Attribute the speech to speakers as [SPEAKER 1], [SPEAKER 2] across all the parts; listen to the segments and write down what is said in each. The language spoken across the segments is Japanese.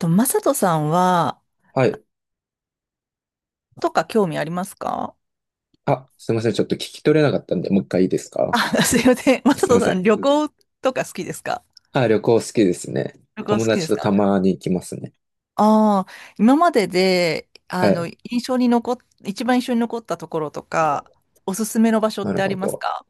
[SPEAKER 1] と、マサトさんは、
[SPEAKER 2] はい。
[SPEAKER 1] とか興味ありますか？
[SPEAKER 2] あ、すいません。ちょっと聞き取れなかったんで、もう一回いいですか？
[SPEAKER 1] あ、すいません。マ
[SPEAKER 2] あ、
[SPEAKER 1] サ
[SPEAKER 2] すいま
[SPEAKER 1] ト
[SPEAKER 2] せ
[SPEAKER 1] さん、
[SPEAKER 2] ん。
[SPEAKER 1] 旅行とか好きですか？
[SPEAKER 2] あ、旅行好きですね。
[SPEAKER 1] 旅行好
[SPEAKER 2] 友
[SPEAKER 1] き
[SPEAKER 2] 達
[SPEAKER 1] です
[SPEAKER 2] と
[SPEAKER 1] か？
[SPEAKER 2] たまに行きますね。
[SPEAKER 1] ああー、今までで、あ
[SPEAKER 2] は
[SPEAKER 1] の、
[SPEAKER 2] い。
[SPEAKER 1] 印象に残っ、一番印象に残ったところとか、おすすめの場所っ
[SPEAKER 2] なる
[SPEAKER 1] てあ
[SPEAKER 2] ほ
[SPEAKER 1] ります
[SPEAKER 2] ど。
[SPEAKER 1] か？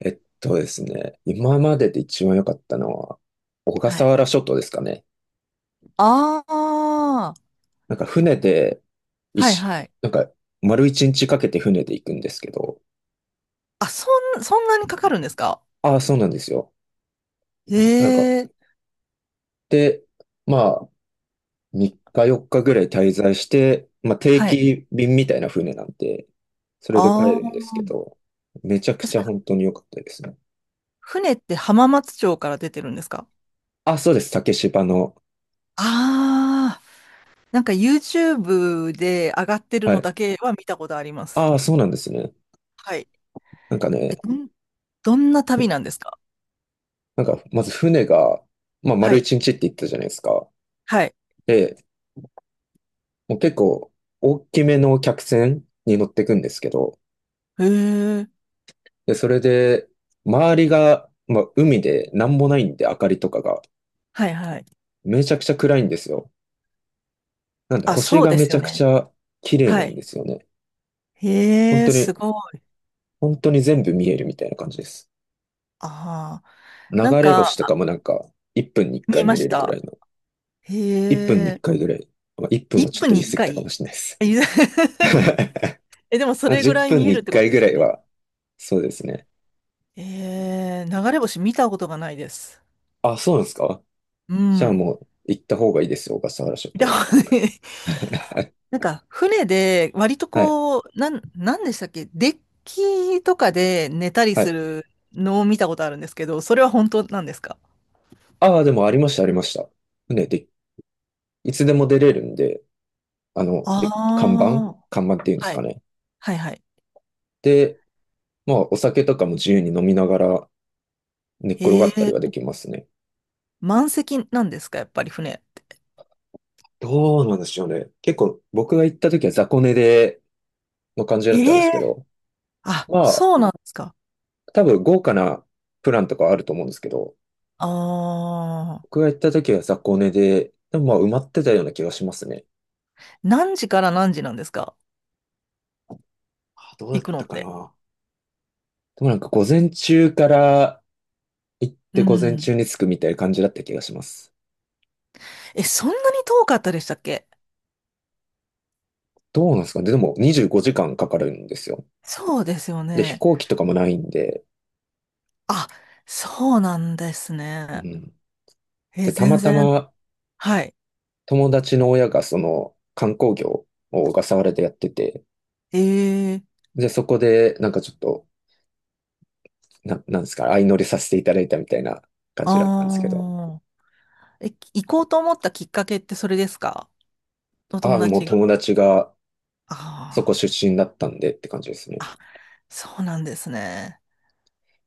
[SPEAKER 2] ですね。今までで一番良かったのは、小
[SPEAKER 1] は
[SPEAKER 2] 笠
[SPEAKER 1] い。
[SPEAKER 2] 原諸島ですかね。
[SPEAKER 1] ああ、
[SPEAKER 2] なんか船で、一
[SPEAKER 1] はい
[SPEAKER 2] し、
[SPEAKER 1] はい。
[SPEAKER 2] なんか丸一日かけて船で行くんですけど。
[SPEAKER 1] あ、そんなにかかるんですか？
[SPEAKER 2] ああ、そうなんですよ。
[SPEAKER 1] え
[SPEAKER 2] なんか、
[SPEAKER 1] え、
[SPEAKER 2] で、まあ、3日4日ぐらい滞在して、まあ、定
[SPEAKER 1] はい。
[SPEAKER 2] 期便みたいな船なんで、それで帰
[SPEAKER 1] あ
[SPEAKER 2] るんで
[SPEAKER 1] あ、
[SPEAKER 2] すけど、めちゃくちゃ
[SPEAKER 1] そ
[SPEAKER 2] 本当に良かったですね。
[SPEAKER 1] 船って浜松町から出てるんですか？
[SPEAKER 2] あ、そうです。竹芝の。
[SPEAKER 1] ああー、なんか YouTube で上がってる
[SPEAKER 2] は
[SPEAKER 1] の
[SPEAKER 2] い。
[SPEAKER 1] だけは見たことあります。
[SPEAKER 2] ああ、そうなんですね。
[SPEAKER 1] はい。
[SPEAKER 2] なんか
[SPEAKER 1] え、
[SPEAKER 2] ね、
[SPEAKER 1] どんな旅なんですか？
[SPEAKER 2] なんか、まず船が、まあ、
[SPEAKER 1] は
[SPEAKER 2] 丸
[SPEAKER 1] い。
[SPEAKER 2] 一日って言ったじゃないですか。
[SPEAKER 1] はい。
[SPEAKER 2] で、もう結構、大きめの客船に乗ってくんですけど、
[SPEAKER 1] へえ。
[SPEAKER 2] で、それで、周りが、まあ、海でなんもないんで、明かりとかが、
[SPEAKER 1] はいはい。
[SPEAKER 2] めちゃくちゃ暗いんですよ。なんで
[SPEAKER 1] あ、
[SPEAKER 2] 星
[SPEAKER 1] そう
[SPEAKER 2] が
[SPEAKER 1] で
[SPEAKER 2] め
[SPEAKER 1] す
[SPEAKER 2] ち
[SPEAKER 1] よ
[SPEAKER 2] ゃくち
[SPEAKER 1] ね。
[SPEAKER 2] ゃ綺麗な
[SPEAKER 1] は
[SPEAKER 2] んで
[SPEAKER 1] い。
[SPEAKER 2] すよね。本
[SPEAKER 1] へえ、
[SPEAKER 2] 当
[SPEAKER 1] す
[SPEAKER 2] に、
[SPEAKER 1] ごい。
[SPEAKER 2] 本当に全部見えるみたいな感じです。
[SPEAKER 1] ああ。
[SPEAKER 2] 流
[SPEAKER 1] なん
[SPEAKER 2] れ
[SPEAKER 1] か、
[SPEAKER 2] 星とかもなんか、1分に1
[SPEAKER 1] 見え
[SPEAKER 2] 回
[SPEAKER 1] ま
[SPEAKER 2] 見れ
[SPEAKER 1] し
[SPEAKER 2] るぐら
[SPEAKER 1] た。
[SPEAKER 2] いの、1分に
[SPEAKER 1] へ
[SPEAKER 2] 1
[SPEAKER 1] え。
[SPEAKER 2] 回ぐらい、まあ、1分は
[SPEAKER 1] 1
[SPEAKER 2] ちょっ
[SPEAKER 1] 分
[SPEAKER 2] と言
[SPEAKER 1] に
[SPEAKER 2] い
[SPEAKER 1] 1
[SPEAKER 2] 過ぎたか
[SPEAKER 1] 回
[SPEAKER 2] もしれないです。
[SPEAKER 1] え、 え、でもそ
[SPEAKER 2] まあ
[SPEAKER 1] れぐ
[SPEAKER 2] 10
[SPEAKER 1] らい
[SPEAKER 2] 分
[SPEAKER 1] 見え
[SPEAKER 2] に
[SPEAKER 1] るっ
[SPEAKER 2] 1
[SPEAKER 1] てこと
[SPEAKER 2] 回
[SPEAKER 1] で
[SPEAKER 2] ぐ
[SPEAKER 1] す
[SPEAKER 2] ら
[SPEAKER 1] よ
[SPEAKER 2] い
[SPEAKER 1] ね。
[SPEAKER 2] は、そうですね。
[SPEAKER 1] えー、流れ星見たことがないです。
[SPEAKER 2] あ、そうなんですか？
[SPEAKER 1] う
[SPEAKER 2] じゃあ
[SPEAKER 1] ん。
[SPEAKER 2] もう行った方がいいですよ、小笠原諸
[SPEAKER 1] 見た
[SPEAKER 2] 島。
[SPEAKER 1] ことない。
[SPEAKER 2] は
[SPEAKER 1] なんか、船で、割と
[SPEAKER 2] い。
[SPEAKER 1] こう、なんでしたっけ、デッキとかで寝たり
[SPEAKER 2] は
[SPEAKER 1] す
[SPEAKER 2] い。
[SPEAKER 1] るのを見たことあるんですけど、それは本当なんですか？
[SPEAKER 2] ああ、でもありました、ありました。ね、で、いつでも出れるんで、あの、
[SPEAKER 1] あ
[SPEAKER 2] で、
[SPEAKER 1] あー。
[SPEAKER 2] 看板っていうんです
[SPEAKER 1] は
[SPEAKER 2] か
[SPEAKER 1] い。
[SPEAKER 2] ね。
[SPEAKER 1] はいはい。
[SPEAKER 2] で、まあ、お酒とかも自由に飲みながら寝っ転が
[SPEAKER 1] え
[SPEAKER 2] ったり
[SPEAKER 1] え、
[SPEAKER 2] はできますね。
[SPEAKER 1] 満席なんですか、やっぱり船って。
[SPEAKER 2] どうなんでしょうね。結構僕が行った時は雑魚寝での感じだったんで
[SPEAKER 1] え
[SPEAKER 2] す
[SPEAKER 1] え、
[SPEAKER 2] けど、
[SPEAKER 1] あ、
[SPEAKER 2] まあ、
[SPEAKER 1] そうなんですか。
[SPEAKER 2] 多分豪華なプランとかはあると思うんですけど、
[SPEAKER 1] あ
[SPEAKER 2] 僕が
[SPEAKER 1] あ。
[SPEAKER 2] 行った時は雑魚寝で、でもまあ埋まってたような気がしますね。
[SPEAKER 1] 何時から何時なんですか？
[SPEAKER 2] あ、どう
[SPEAKER 1] 行
[SPEAKER 2] だっ
[SPEAKER 1] くのっ
[SPEAKER 2] たか
[SPEAKER 1] て。
[SPEAKER 2] な。でもなんか午前中から行っ
[SPEAKER 1] う
[SPEAKER 2] て午前
[SPEAKER 1] ん。
[SPEAKER 2] 中に着くみたいな感じだった気がします。
[SPEAKER 1] え、そんなに遠かったでしたっけ？
[SPEAKER 2] どうなんですかね。でも25時間かかるんですよ。
[SPEAKER 1] そうですよ
[SPEAKER 2] で、飛
[SPEAKER 1] ね。
[SPEAKER 2] 行機とかもないんで、
[SPEAKER 1] あ、そうなんです
[SPEAKER 2] う
[SPEAKER 1] ね。
[SPEAKER 2] ん。
[SPEAKER 1] え、
[SPEAKER 2] で、たま
[SPEAKER 1] 全
[SPEAKER 2] た
[SPEAKER 1] 然。
[SPEAKER 2] ま
[SPEAKER 1] はい。
[SPEAKER 2] 友達の親がその観光業を小笠原でやってて、
[SPEAKER 1] ええ、
[SPEAKER 2] で、そこでなんかちょっと、なんですか、相乗りさせていただいたみたいな感じだったんですけど、
[SPEAKER 1] ああー、え、行こうと思ったきっかけってそれですか？お
[SPEAKER 2] あ
[SPEAKER 1] 友
[SPEAKER 2] あ、もう
[SPEAKER 1] 達が。
[SPEAKER 2] 友達が
[SPEAKER 1] あ
[SPEAKER 2] そこ
[SPEAKER 1] あ、
[SPEAKER 2] 出身だったんでって感じですね。
[SPEAKER 1] そうなんですね。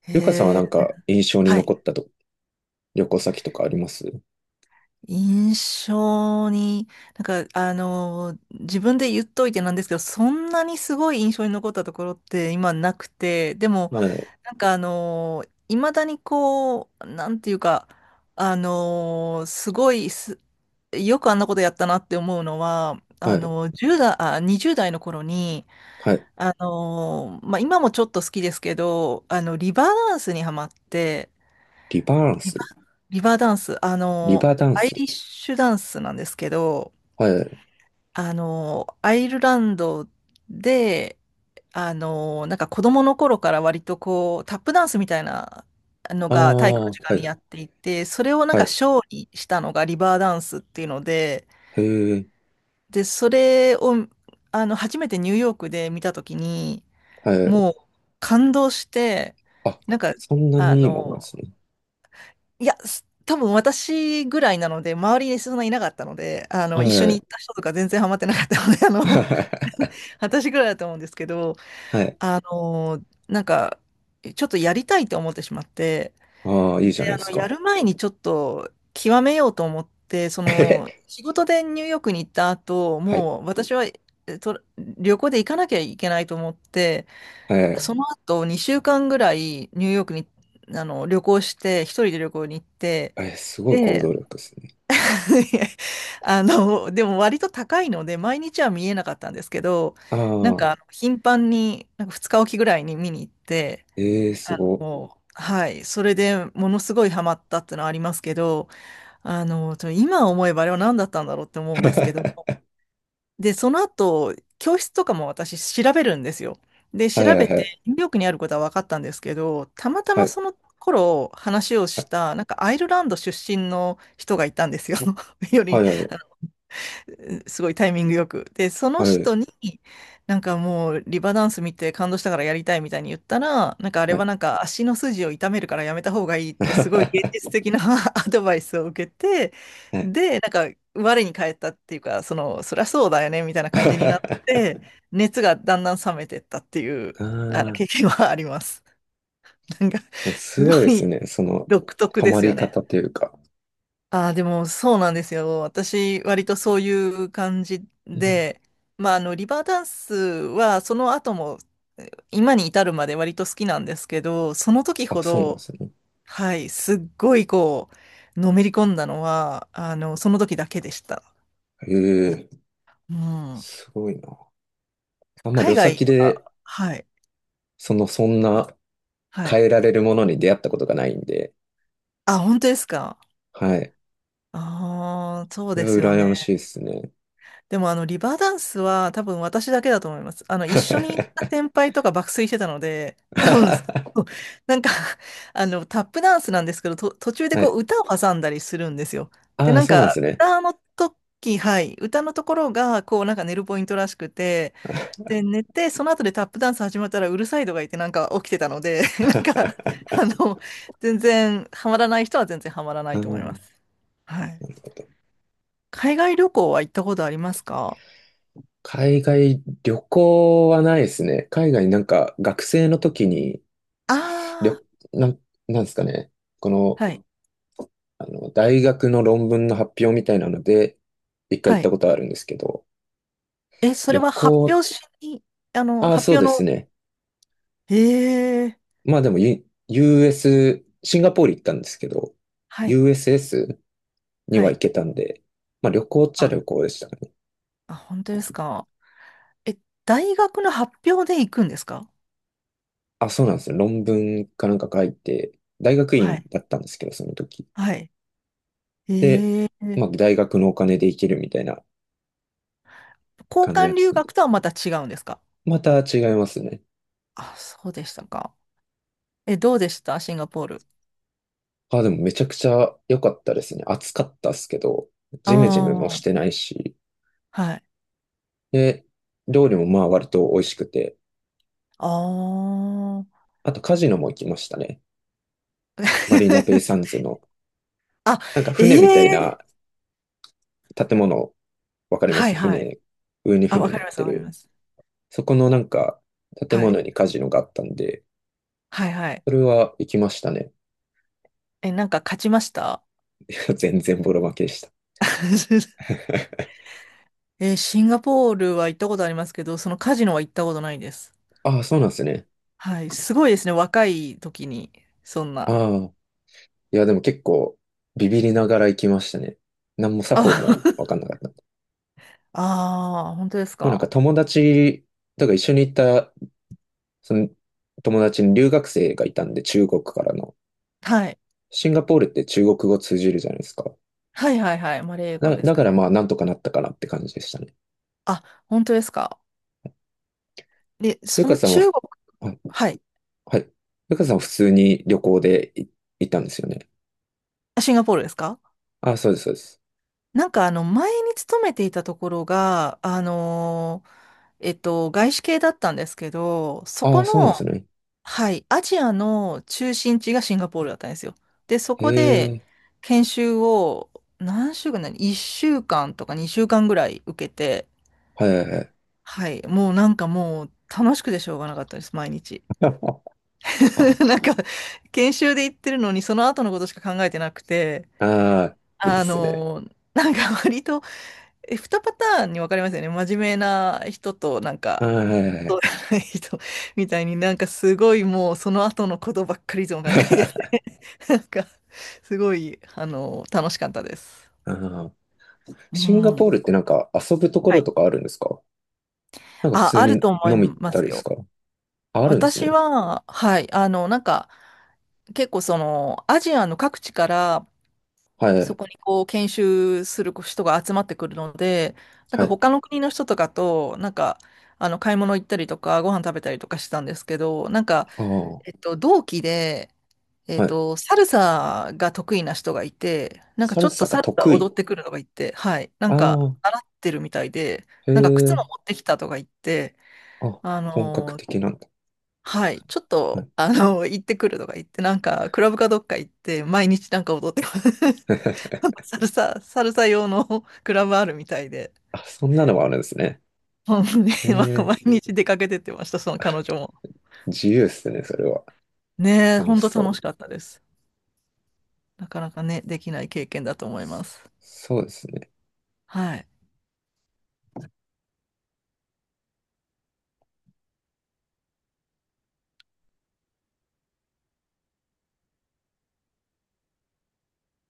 [SPEAKER 1] え
[SPEAKER 2] ゆかさんはな
[SPEAKER 1] え、
[SPEAKER 2] んか印象に
[SPEAKER 1] は
[SPEAKER 2] 残っ
[SPEAKER 1] い。
[SPEAKER 2] た旅行先とかあります？
[SPEAKER 1] 印象に、なんか、あの、自分で言っといてなんですけど、そんなにすごい印象に残ったところって今なくて、でも、
[SPEAKER 2] はい、
[SPEAKER 1] なんかあのいまだにこう、なんていうか、あのすごいす、よくあんなことやったなって思うのは、
[SPEAKER 2] は
[SPEAKER 1] あ
[SPEAKER 2] い、
[SPEAKER 1] の、1代、あ、20代の頃に、
[SPEAKER 2] はい。
[SPEAKER 1] あの、まあ、今もちょっと好きですけど、あの、リバーダンスにハマって、
[SPEAKER 2] リバーン
[SPEAKER 1] リ
[SPEAKER 2] ス、
[SPEAKER 1] バ、リバーダンス、あ
[SPEAKER 2] リ
[SPEAKER 1] の、
[SPEAKER 2] バーダン
[SPEAKER 1] アイ
[SPEAKER 2] ス。
[SPEAKER 1] リッシュダンスなんですけど、
[SPEAKER 2] はい。
[SPEAKER 1] あの、アイルランドで、あの、なんか子供の頃から割とこう、タップダンスみたいなの
[SPEAKER 2] あ
[SPEAKER 1] が体育の
[SPEAKER 2] あ、は
[SPEAKER 1] 時間にやっ
[SPEAKER 2] い、
[SPEAKER 1] ていて、それをなん
[SPEAKER 2] は
[SPEAKER 1] か
[SPEAKER 2] い。
[SPEAKER 1] ショーにしたのがリバーダンスっていうので、
[SPEAKER 2] へえ、
[SPEAKER 1] で、それを、あの、初めてニューヨークで見たときに、
[SPEAKER 2] はい。
[SPEAKER 1] もう感動して、
[SPEAKER 2] あ、
[SPEAKER 1] なんか、
[SPEAKER 2] そんな
[SPEAKER 1] あ
[SPEAKER 2] に
[SPEAKER 1] の、
[SPEAKER 2] いいもんなんですね。
[SPEAKER 1] いや、多分私ぐらいなので、周りにそんないなかったので、あの、一緒
[SPEAKER 2] は
[SPEAKER 1] に
[SPEAKER 2] い。
[SPEAKER 1] 行った人とか全然ハマってなかったので、あの、私ぐらいだと思うんですけど、
[SPEAKER 2] はい。
[SPEAKER 1] あの、なんか、ちょっとやりたいと思ってしまって、
[SPEAKER 2] ああ、い
[SPEAKER 1] で、
[SPEAKER 2] いじゃないで
[SPEAKER 1] あ
[SPEAKER 2] す
[SPEAKER 1] の、や
[SPEAKER 2] か。
[SPEAKER 1] る前にちょっと極めようと思って、その、
[SPEAKER 2] え
[SPEAKER 1] 仕事でニューヨークに行った後、
[SPEAKER 2] はい。
[SPEAKER 1] もう私は、旅行で行かなきゃいけないと思って、
[SPEAKER 2] はい。
[SPEAKER 1] その後2週間ぐらいニューヨークに、あの、旅行して、一人で旅行に行って、
[SPEAKER 2] え、すごい行
[SPEAKER 1] で、
[SPEAKER 2] 動力ですね。
[SPEAKER 1] あの、でも割と高いので、毎日は見えなかったんですけど、
[SPEAKER 2] あ
[SPEAKER 1] なん
[SPEAKER 2] あ、
[SPEAKER 1] か、あの頻繁に、なんか2日おきぐらいに見に行って、
[SPEAKER 2] ええ、す
[SPEAKER 1] あ
[SPEAKER 2] ご。
[SPEAKER 1] の、はい、それでものすごいハマったってのはありますけど、あの、今思えばあれは何だったんだろうって思うん ですけど
[SPEAKER 2] は
[SPEAKER 1] も。で、その後、教室とかも私調べるんですよ。で、
[SPEAKER 2] い
[SPEAKER 1] 調
[SPEAKER 2] はい
[SPEAKER 1] べ
[SPEAKER 2] は
[SPEAKER 1] て、
[SPEAKER 2] い。
[SPEAKER 1] ニューヨークにあることは分かったんですけど、たまた
[SPEAKER 2] は
[SPEAKER 1] ま
[SPEAKER 2] い。
[SPEAKER 1] その頃話をした、なんかアイルランド出身の人がいたんですよ。よ
[SPEAKER 2] は
[SPEAKER 1] り、
[SPEAKER 2] いはいはい。
[SPEAKER 1] すごいタイミングよく。で、その
[SPEAKER 2] はい。
[SPEAKER 1] 人に、なんかもうリバダンス見て感動したからやりたいみたいに言ったら、なんかあれ
[SPEAKER 2] は
[SPEAKER 1] は
[SPEAKER 2] い。
[SPEAKER 1] なんか足の筋を痛めるからやめた方がいいってすごい現実 的な アドバイスを受けて、
[SPEAKER 2] はい。
[SPEAKER 1] で、なんか我に返ったっていうか、その、そりゃそうだよねみたいな感じになって、熱がだんだん冷めてったっていう、あの
[SPEAKER 2] あ
[SPEAKER 1] 経験はあります。なんか、
[SPEAKER 2] あ、
[SPEAKER 1] す
[SPEAKER 2] す
[SPEAKER 1] ご
[SPEAKER 2] ごいです
[SPEAKER 1] い
[SPEAKER 2] ね。その、
[SPEAKER 1] 独特
[SPEAKER 2] ハ
[SPEAKER 1] で
[SPEAKER 2] マ
[SPEAKER 1] すよ
[SPEAKER 2] り
[SPEAKER 1] ね。
[SPEAKER 2] 方というか。
[SPEAKER 1] ああ、でもそうなんですよ。私、割とそういう感じ
[SPEAKER 2] うん、
[SPEAKER 1] で、まあ、あの、リバーダンスは、その後も、今に至るまで割と好きなんですけど、その時
[SPEAKER 2] あ、
[SPEAKER 1] ほ
[SPEAKER 2] そうなんで
[SPEAKER 1] ど、
[SPEAKER 2] すね。
[SPEAKER 1] はい、すっごいこう、のめり込んだのは、あの、その時だけでした。
[SPEAKER 2] ええ、
[SPEAKER 1] うん。
[SPEAKER 2] すごいな。あんま
[SPEAKER 1] 海
[SPEAKER 2] 旅
[SPEAKER 1] 外
[SPEAKER 2] 先
[SPEAKER 1] は、
[SPEAKER 2] で、
[SPEAKER 1] はい、
[SPEAKER 2] その、そんな
[SPEAKER 1] はい。
[SPEAKER 2] 変えられるものに出会ったことがないんで、
[SPEAKER 1] あ、本当ですか。
[SPEAKER 2] はい。
[SPEAKER 1] ああ、そう
[SPEAKER 2] それ
[SPEAKER 1] ですよ
[SPEAKER 2] は羨ま
[SPEAKER 1] ね。
[SPEAKER 2] しいですね。
[SPEAKER 1] でもあのリバーダンスは多分私だけだと思います。あの一緒に行った 先輩とか爆睡してたので、多分、そう、なんか あのタップダンスなんですけど、途中で
[SPEAKER 2] は
[SPEAKER 1] こ
[SPEAKER 2] い。
[SPEAKER 1] う歌を挟んだりするんですよ。で、
[SPEAKER 2] ああ、
[SPEAKER 1] なん
[SPEAKER 2] そうな
[SPEAKER 1] か
[SPEAKER 2] んですね。
[SPEAKER 1] 歌の時、はい、歌のところがこうなんか寝るポイントらしくて、で、寝て、その後でタップダンス始まったらうるさいとか言ってなんか起きてたので、なんかあ の、全然ハマらない人は全然ハマらな
[SPEAKER 2] う
[SPEAKER 1] いと思
[SPEAKER 2] ん、
[SPEAKER 1] い ます。はい。
[SPEAKER 2] なるほど。
[SPEAKER 1] 海外旅行は行ったことありますか？
[SPEAKER 2] 海外旅行はないですね。海外なんか学生の時に、
[SPEAKER 1] あ
[SPEAKER 2] 旅、
[SPEAKER 1] あ、
[SPEAKER 2] なん、なんですかね。この、
[SPEAKER 1] はい、
[SPEAKER 2] あの、大学の論文の発表みたいなので、一回行
[SPEAKER 1] は
[SPEAKER 2] った
[SPEAKER 1] い。
[SPEAKER 2] ことあるんですけど、
[SPEAKER 1] え、それ
[SPEAKER 2] 旅
[SPEAKER 1] は発
[SPEAKER 2] 行、
[SPEAKER 1] 表しに、あの、
[SPEAKER 2] ああ、そ
[SPEAKER 1] 発
[SPEAKER 2] う
[SPEAKER 1] 表
[SPEAKER 2] です
[SPEAKER 1] の、
[SPEAKER 2] ね。
[SPEAKER 1] ええ、
[SPEAKER 2] まあでも、US、シンガポール行ったんですけど、
[SPEAKER 1] はい、
[SPEAKER 2] USS に
[SPEAKER 1] は
[SPEAKER 2] は行
[SPEAKER 1] い。
[SPEAKER 2] けたんで、まあ旅行っちゃ
[SPEAKER 1] あ、
[SPEAKER 2] 旅行でしたね。
[SPEAKER 1] あ、本当ですか。え、大学の発表で行くんですか？
[SPEAKER 2] あ、そうなんですよ。論文かなんか書いて、大学
[SPEAKER 1] は
[SPEAKER 2] 院
[SPEAKER 1] い、
[SPEAKER 2] だったんですけど、その時。
[SPEAKER 1] はい。
[SPEAKER 2] で、
[SPEAKER 1] ええ、
[SPEAKER 2] まあ、大学のお金で行けるみたいな
[SPEAKER 1] 交
[SPEAKER 2] 感じだ
[SPEAKER 1] 換
[SPEAKER 2] っ
[SPEAKER 1] 留
[SPEAKER 2] たんで。
[SPEAKER 1] 学とはまた違うんですか？
[SPEAKER 2] また違いますね。
[SPEAKER 1] あ、そうでしたか。え、どうでしたシンガポール。
[SPEAKER 2] あ、でもめちゃくちゃ良かったですね。暑かったっすけど、
[SPEAKER 1] あ
[SPEAKER 2] ジメジメもし
[SPEAKER 1] あ、
[SPEAKER 2] てないし。
[SPEAKER 1] はい。
[SPEAKER 2] で、料理もまあ割と美味しくて。
[SPEAKER 1] ああ。
[SPEAKER 2] あとカジノも行きましたね。マリーナベイサン ズの、
[SPEAKER 1] あ、
[SPEAKER 2] なんか
[SPEAKER 1] え
[SPEAKER 2] 船みたい
[SPEAKER 1] え、
[SPEAKER 2] な建物、わかりま
[SPEAKER 1] はい、
[SPEAKER 2] す
[SPEAKER 1] はい。
[SPEAKER 2] 船、上に
[SPEAKER 1] あ、
[SPEAKER 2] 船
[SPEAKER 1] わか
[SPEAKER 2] 乗
[SPEAKER 1] り
[SPEAKER 2] っ
[SPEAKER 1] ます、
[SPEAKER 2] て
[SPEAKER 1] わかりま
[SPEAKER 2] る。
[SPEAKER 1] す。
[SPEAKER 2] そこのなんか建
[SPEAKER 1] はい、
[SPEAKER 2] 物にカジノがあったんで、
[SPEAKER 1] はい、はい。
[SPEAKER 2] それは行きましたね。
[SPEAKER 1] え、なんか勝ちました？
[SPEAKER 2] 全然ボロ負けでした。
[SPEAKER 1] え、シンガポールは行ったことありますけど、そのカジノは行ったことないです。
[SPEAKER 2] ああ、そうなんですね。
[SPEAKER 1] はい、すごいですね。若い時に、そん
[SPEAKER 2] あ
[SPEAKER 1] な。
[SPEAKER 2] あ、いや、でも結構ビビりながら行きましたね。何も
[SPEAKER 1] あ、
[SPEAKER 2] 作法もわかんなかった。
[SPEAKER 1] あー、本当です
[SPEAKER 2] もうなんか
[SPEAKER 1] か。
[SPEAKER 2] 友達、だから一緒に行った、その友達に留学生がいたんで、中国からの。
[SPEAKER 1] はい。
[SPEAKER 2] シンガポールって中国語通じるじゃないですか。
[SPEAKER 1] はいはいはい。マレー語です
[SPEAKER 2] だ
[SPEAKER 1] か
[SPEAKER 2] から
[SPEAKER 1] ね。
[SPEAKER 2] まあなんとかなったかなって感じでしたね。
[SPEAKER 1] あ、本当ですか。で、
[SPEAKER 2] ゆ
[SPEAKER 1] そ
[SPEAKER 2] か
[SPEAKER 1] の
[SPEAKER 2] さんは、
[SPEAKER 1] 中国、
[SPEAKER 2] あ、
[SPEAKER 1] はい。
[SPEAKER 2] はい。ゆかさんは普通に旅行で行ったんですよね。
[SPEAKER 1] あ、シンガポールですか？
[SPEAKER 2] ああ、そうです、そうです。
[SPEAKER 1] なんかあの、前に勤めていたところが、外資系だったんですけど、そ
[SPEAKER 2] あ
[SPEAKER 1] こ
[SPEAKER 2] あ、そうなん
[SPEAKER 1] の、
[SPEAKER 2] ですね。
[SPEAKER 1] はい、アジアの中心地がシンガポールだったんですよ。で、そ
[SPEAKER 2] へ
[SPEAKER 1] こで
[SPEAKER 2] え。
[SPEAKER 1] 研修を何週間な1週間とか2週間ぐらい受けて、
[SPEAKER 2] はいはいはい。
[SPEAKER 1] はい、もうなんかもう楽しくてしょうがなかったです、毎日。
[SPEAKER 2] あ
[SPEAKER 1] なんか研修で行ってるのにその後のことしか考えてなくて、
[SPEAKER 2] あー、いいっ
[SPEAKER 1] あ
[SPEAKER 2] すね。
[SPEAKER 1] のなんか割と、え、2パターンに分かりますよね。真面目な人となん
[SPEAKER 2] は
[SPEAKER 1] か
[SPEAKER 2] いはいはい。
[SPEAKER 1] 人みたいになんかすごいもうその後のことばっかりいつも考えて なんか、すごい、あの、楽しかったです。
[SPEAKER 2] あー、
[SPEAKER 1] う
[SPEAKER 2] シンガポール
[SPEAKER 1] ん。
[SPEAKER 2] ってなんか遊ぶとこ
[SPEAKER 1] は
[SPEAKER 2] ろ
[SPEAKER 1] い。
[SPEAKER 2] とかあるんですか？なんか普
[SPEAKER 1] あ、
[SPEAKER 2] 通
[SPEAKER 1] ある
[SPEAKER 2] に
[SPEAKER 1] と思い
[SPEAKER 2] 飲み行っ
[SPEAKER 1] ま
[SPEAKER 2] たり
[SPEAKER 1] す
[SPEAKER 2] です
[SPEAKER 1] よ。
[SPEAKER 2] か？あ、あるんです
[SPEAKER 1] 私
[SPEAKER 2] ね。
[SPEAKER 1] は、はい、あの、なんか、結構その、アジアの各地から、
[SPEAKER 2] は
[SPEAKER 1] そ
[SPEAKER 2] い、
[SPEAKER 1] こにこう、研修する人が集まってくるので、なん
[SPEAKER 2] は
[SPEAKER 1] か
[SPEAKER 2] い。
[SPEAKER 1] 他の国の人とかと、なんか、あの、買い物行ったりとか、ご飯食べたりとかしたんですけど、なんか、
[SPEAKER 2] ああ、
[SPEAKER 1] 同期で、
[SPEAKER 2] はい。
[SPEAKER 1] サルサが得意な人がいて、なんか
[SPEAKER 2] サ
[SPEAKER 1] ちょ
[SPEAKER 2] ル
[SPEAKER 1] っと
[SPEAKER 2] サが
[SPEAKER 1] サルサ
[SPEAKER 2] 得
[SPEAKER 1] 踊っ
[SPEAKER 2] 意。
[SPEAKER 1] てくるのがいて、はい、な
[SPEAKER 2] あ
[SPEAKER 1] んか
[SPEAKER 2] あ、
[SPEAKER 1] 習ってるみたいで、
[SPEAKER 2] へ
[SPEAKER 1] なんか靴
[SPEAKER 2] え。
[SPEAKER 1] も持ってきたとか言って、
[SPEAKER 2] あ、
[SPEAKER 1] あ
[SPEAKER 2] 本格
[SPEAKER 1] のー
[SPEAKER 2] 的なんだ。
[SPEAKER 1] はい、ちょっ
[SPEAKER 2] は
[SPEAKER 1] と、
[SPEAKER 2] い。
[SPEAKER 1] あのー行ってくるとか言って、なんかクラブかどっか行って、毎日なんか踊ってます。サルサ、サルサ用の クラブあるみたいで、
[SPEAKER 2] あ、そんなのもあるんですね。
[SPEAKER 1] 本当に
[SPEAKER 2] へ
[SPEAKER 1] なんか
[SPEAKER 2] え、
[SPEAKER 1] 毎日出かけてってました、その彼女も。
[SPEAKER 2] 自由っすね、それは。
[SPEAKER 1] ねえ、
[SPEAKER 2] 楽
[SPEAKER 1] 本
[SPEAKER 2] し
[SPEAKER 1] 当
[SPEAKER 2] そ
[SPEAKER 1] 楽
[SPEAKER 2] う。
[SPEAKER 1] しかったです。なかなかね、できない経験だと思います。
[SPEAKER 2] そうですね。
[SPEAKER 1] はい。